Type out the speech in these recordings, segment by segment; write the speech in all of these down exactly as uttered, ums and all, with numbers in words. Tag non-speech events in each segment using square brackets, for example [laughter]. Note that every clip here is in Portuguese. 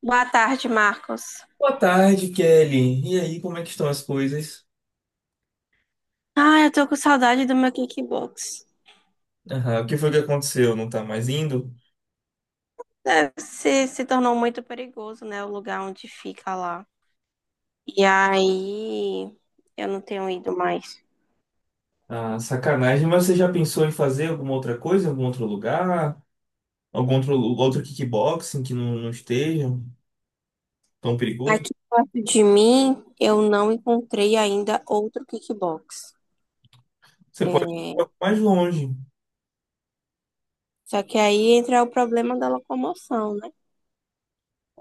Boa tarde, Marcos. Boa tarde, Kelly. E aí, como é que estão as coisas? Ah, eu tô com saudade do meu kickbox. Aham, o que foi que aconteceu? Não tá mais indo? Deve ser, se tornou muito perigoso, né? O lugar onde fica lá. E aí, eu não tenho ido mais. Ah, sacanagem, mas você já pensou em fazer alguma outra coisa, em algum outro lugar? Algum outro, outro kickboxing que não, não esteja tão perigoso? Aqui perto de mim, eu não encontrei ainda outro kickbox. Você É, pode ir um pouco mais longe. só que aí entra o problema da locomoção, né?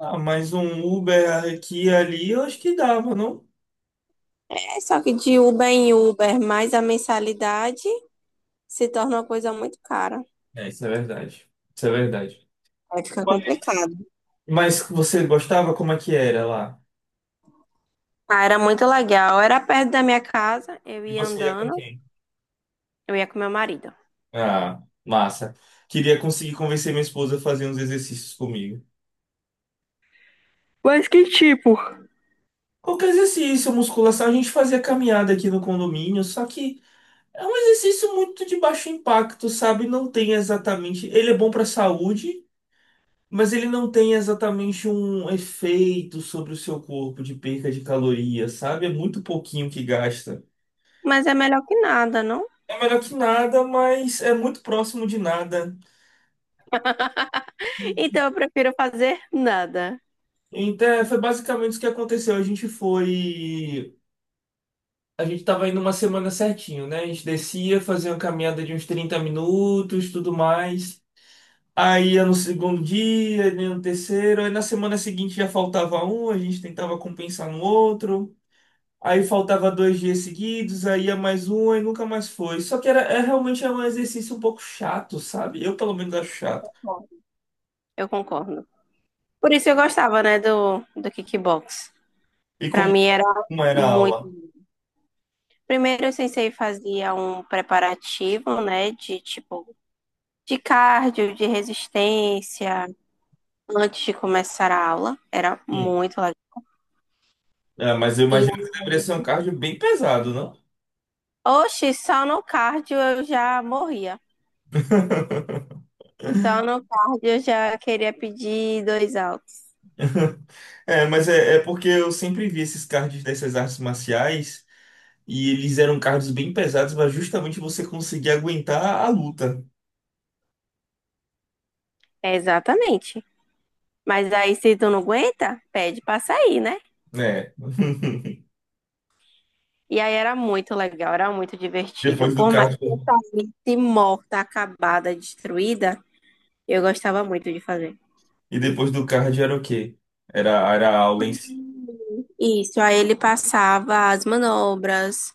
Ah, mais um Uber aqui e ali, eu acho que dava, não? É só que de Uber em Uber, mais a mensalidade se torna uma coisa muito cara. É, isso é verdade. Isso é verdade. Aí fica complicado. Mas você gostava? Como é que era lá? Ah, era muito legal. Era perto da minha casa, eu E ia você ia com andando, quem? eu ia com meu marido. Ah, massa. Queria conseguir convencer minha esposa a fazer uns exercícios comigo. Qualquer exercício, musculação, a gente fazia caminhada aqui no condomínio, só que é um exercício muito de baixo impacto, sabe? Não tem exatamente. Ele é bom para saúde, mas ele não tem exatamente um efeito sobre o seu corpo de perca de calorias, sabe? É muito pouquinho que gasta. Mas é melhor que nada, não? É melhor que nada, mas é muito próximo de nada. [laughs] Então eu prefiro fazer nada. Então, é, foi basicamente isso que aconteceu. A gente foi. A gente tava indo uma semana certinho, né? A gente descia, fazia uma caminhada de uns trinta minutos, tudo mais. Aí ia no segundo dia, ia no terceiro, aí na semana seguinte já faltava um, a gente tentava compensar no outro. Aí faltava dois dias seguidos, aí ia mais um, aí nunca mais foi. Só que era, é realmente é um exercício um pouco chato, sabe? Eu pelo menos acho chato. Bom, eu concordo. Por isso eu gostava, né, do, do kickbox. E Pra como, mim era como era a aula? muito. Primeiro o sensei fazia um preparativo, né, de tipo de cardio, de resistência, antes de começar a aula. Era Sim. muito legal. É, mas eu E, imagino que deveria ser um cardio bem pesado, não? oxe, só no cardio eu já morria. [laughs] Só no cardio eu já queria pedir dois altos. [laughs] É, mas é, é porque eu sempre vi esses cards dessas artes marciais e eles eram cards bem pesados para justamente você conseguir aguentar a luta, É, exatamente. Mas aí, se tu não aguenta, pede pra sair, né? né? [laughs] E aí era muito legal, era muito divertido. Depois do Por mais card. que eu saísse morta, acabada, destruída, eu gostava muito de fazer. E depois do card era o quê? Era, era a aula em si. Isso, aí ele passava as manobras,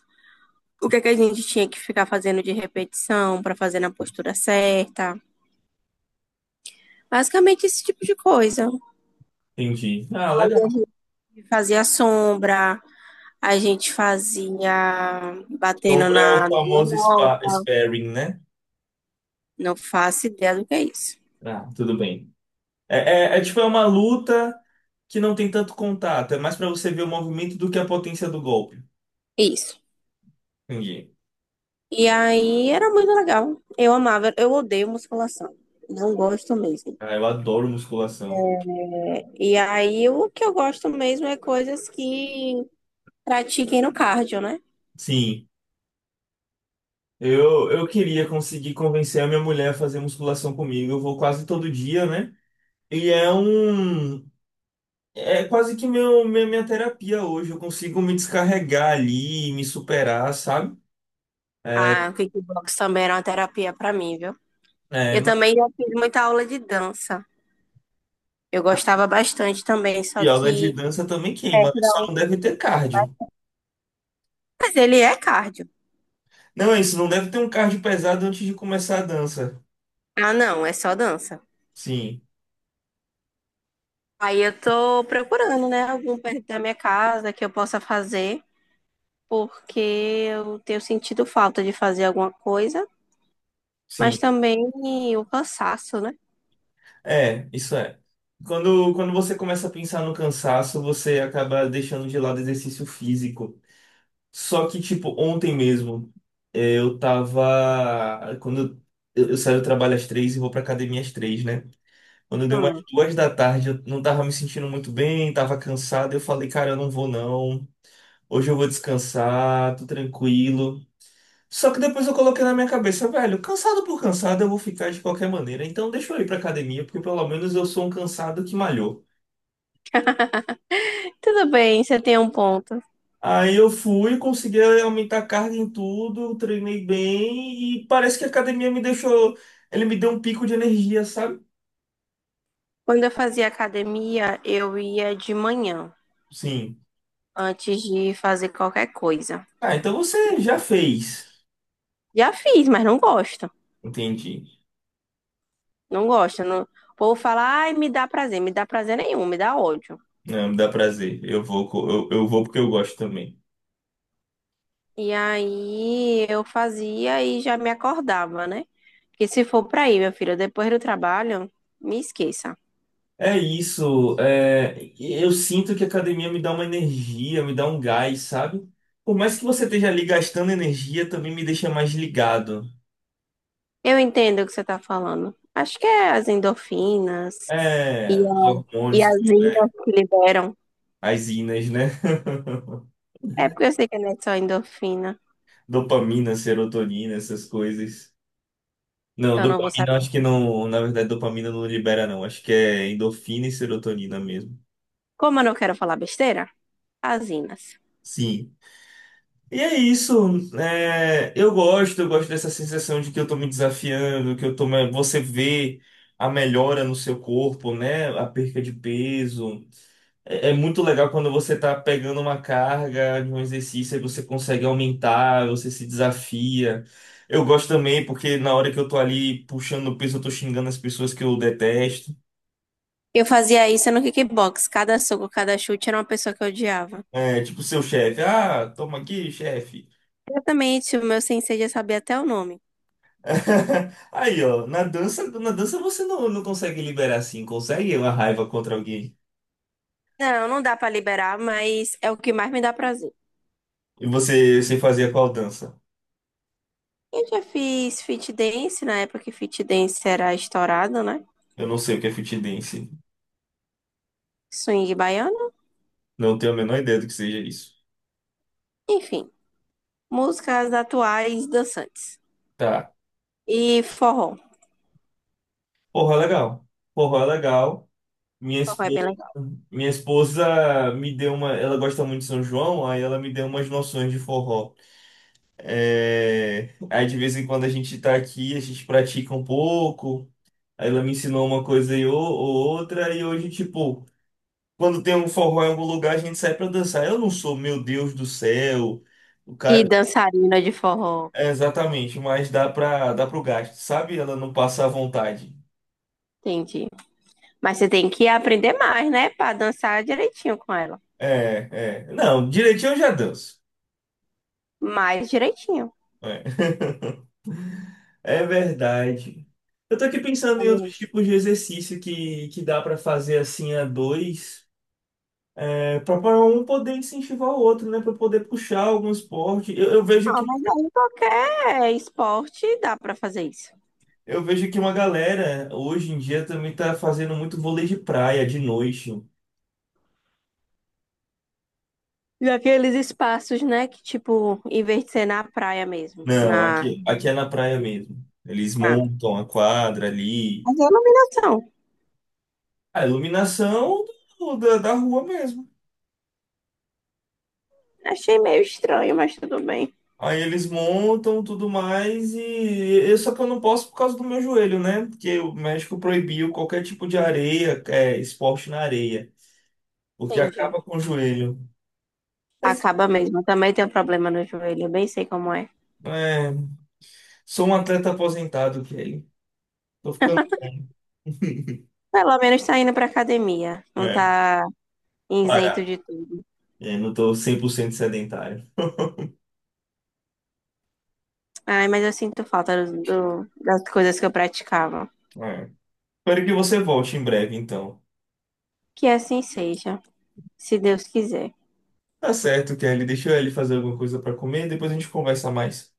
o que é que a gente tinha que ficar fazendo de repetição pra fazer na postura certa. Basicamente esse tipo de coisa. Entendi. Ah, A legal. gente fazia sombra, a gente fazia batendo Sombra é na o na famoso spa, manopla, sparring, né? não faço ideia do que é isso. Ah, tudo bem. É, é, é tipo, é uma luta que não tem tanto contato. É mais para você ver o movimento do que a potência do golpe. Isso. Entendi. E aí era muito legal. Eu amava, eu odeio musculação. Não gosto mesmo. Ah, eu adoro musculação. E aí o que eu gosto mesmo é coisas que pratiquem no cardio, né? Sim. Eu, eu queria conseguir convencer a minha mulher a fazer musculação comigo. Eu vou quase todo dia, né? E é um. É quase que meu, minha, minha terapia hoje. Eu consigo me descarregar ali, me superar, sabe? É, A kickbox também era uma terapia para mim, viu? é, Eu mas também já fiz muita aula de dança. Eu gostava bastante também, só yoga de que dança também queima, né? perto da... Só não deve ter cardio. Mas ele é cardio. Não é isso, não deve ter um cardio pesado antes de começar a dança. Ah, não, é só dança. Sim, Aí eu tô procurando, né, algum perto da minha casa que eu possa fazer, porque eu tenho sentido falta de fazer alguma coisa, sim. mas também o cansaço, né? É, isso é. Quando, quando você começa a pensar no cansaço, você acaba deixando de lado exercício físico. Só que, tipo, ontem mesmo, eh, eu tava. Quando eu, eu saio do trabalho às três e vou pra academia às três, né? Quando deu umas Hum. duas da tarde, eu não tava me sentindo muito bem, tava cansado. Eu falei, cara, eu não vou não. Hoje eu vou descansar, tô tranquilo. Só que depois eu coloquei na minha cabeça, velho, cansado por cansado eu vou ficar de qualquer maneira. Então deixa eu ir pra academia, porque pelo menos eu sou um cansado que malhou. Tudo bem, você tem um ponto. Aí eu fui, consegui aumentar a carga em tudo, treinei bem e parece que a academia me deixou, ele me deu um pico de energia, sabe? Quando eu fazia academia, eu ia de manhã, Sim. antes de fazer qualquer coisa. Ah, então você já fez. Já fiz, mas não gosto. Entendi. Não gosto. Não... O povo fala, ai, me dá prazer. Me dá prazer nenhum, me dá ódio. Não, me dá prazer. Eu vou, co- eu, eu vou porque eu gosto também. E aí eu fazia e já me acordava, né? Porque se for pra ir, minha filha, depois do trabalho, me esqueça. É isso. É, eu sinto que a academia me dá uma energia, me dá um gás, sabe? Por mais que você esteja ali gastando energia, também me deixa mais ligado. Eu entendo o que você tá falando. Acho que é as endorfinas É, e, os a- e hormônios, as é, inas que liberam. as inas, né? [laughs] É porque eu sei que não é só endorfina, Dopamina, serotonina, essas coisas. Não, então eu não vou dopamina eu saber. acho que não. Na verdade, dopamina não libera, não. Acho que é endorfina e serotonina mesmo. Como eu não quero falar besteira, as inas. Sim. E é isso. É, eu gosto, eu gosto dessa sensação de que eu tô me desafiando, que eu tô. Me- você vê a melhora no seu corpo, né? A perca de peso. É é muito legal quando você tá pegando uma carga de um exercício e você consegue aumentar, você se desafia. Eu gosto também porque na hora que eu tô ali puxando o peso, eu tô xingando as pessoas que eu detesto. Eu fazia isso no kickbox. Cada soco, cada chute era uma pessoa que eu odiava. É, tipo seu chefe, ah, toma aqui, chefe. Exatamente, o meu sensei já sabia até o nome. [laughs] Aí, ó, na dança, na dança você não, não consegue liberar assim, consegue uma raiva contra alguém. Não, não dá pra liberar, mas é o que mais me dá prazer. E você, você fazia qual dança? Eu já fiz fit dance na época que fit dance era estourado, né? Eu não sei o que é fit dance. Swing baiano, Não tenho a menor ideia do que seja isso. enfim, músicas atuais dançantes. Tá. E forró. Porra, legal. Porra, legal. Minha Forró é esposa, bem legal. minha esposa me deu uma. Ela gosta muito de São João, aí ela me deu umas noções de forró. É, aí de vez em quando a gente tá aqui, a gente pratica um pouco. Aí ela me ensinou uma coisa e ou, ou outra, e hoje, tipo, quando tem um forró em algum lugar, a gente sai pra dançar. Eu não sou, meu Deus do céu, o E cara. dançarina de forró, É, exatamente, mas dá pra, dá pro gasto, sabe? Ela não passa à vontade. entendi. Mas você tem que aprender mais, né? Pra dançar direitinho com ela. É, é. Não, direitinho eu já danço. Mais direitinho. É. [laughs] É verdade. Eu tô aqui pensando em Não, outros tipos de exercício que, que dá pra fazer assim a dois, é, para um poder incentivar o outro, né, pra poder puxar algum esporte. Eu, eu vejo que mas aí qualquer esporte dá pra fazer isso. eu vejo que uma galera hoje em dia também tá fazendo muito vôlei de praia de noite. E aqueles espaços, né? Que tipo, em vez de ser na praia mesmo, Não, na, aqui aqui é na praia mesmo. Eles na, montam a quadra ali, nas iluminação. a iluminação do- da, da rua mesmo. Achei meio estranho, mas tudo bem. Aí eles montam tudo mais e eu só que eu não posso por causa do meu joelho, né? Porque o México proibiu qualquer tipo de areia, é, esporte na areia, porque Entendi. acaba com o joelho. Mas, Acaba mesmo. Também tem um problema no joelho, eu bem sei como é. é, sou um atleta aposentado, Kelly. Tô ficando [laughs] Pelo menos tá indo pra academia. Não é, tá isento parado. de tudo. É, não tô cem por cento sedentário. Ai, mas eu sinto falta do, do- das coisas que eu praticava. É. Espero que você volte em breve, então. Que assim seja, se Deus quiser. Tá certo, Kelly. Deixa eu ali fazer alguma coisa para comer, depois a gente conversa mais.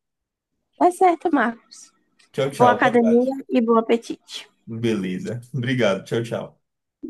Tá certo, Marcos. Tchau, Boa tchau. Boa tarde. academia e bom apetite. Beleza. Obrigado. Tchau, tchau.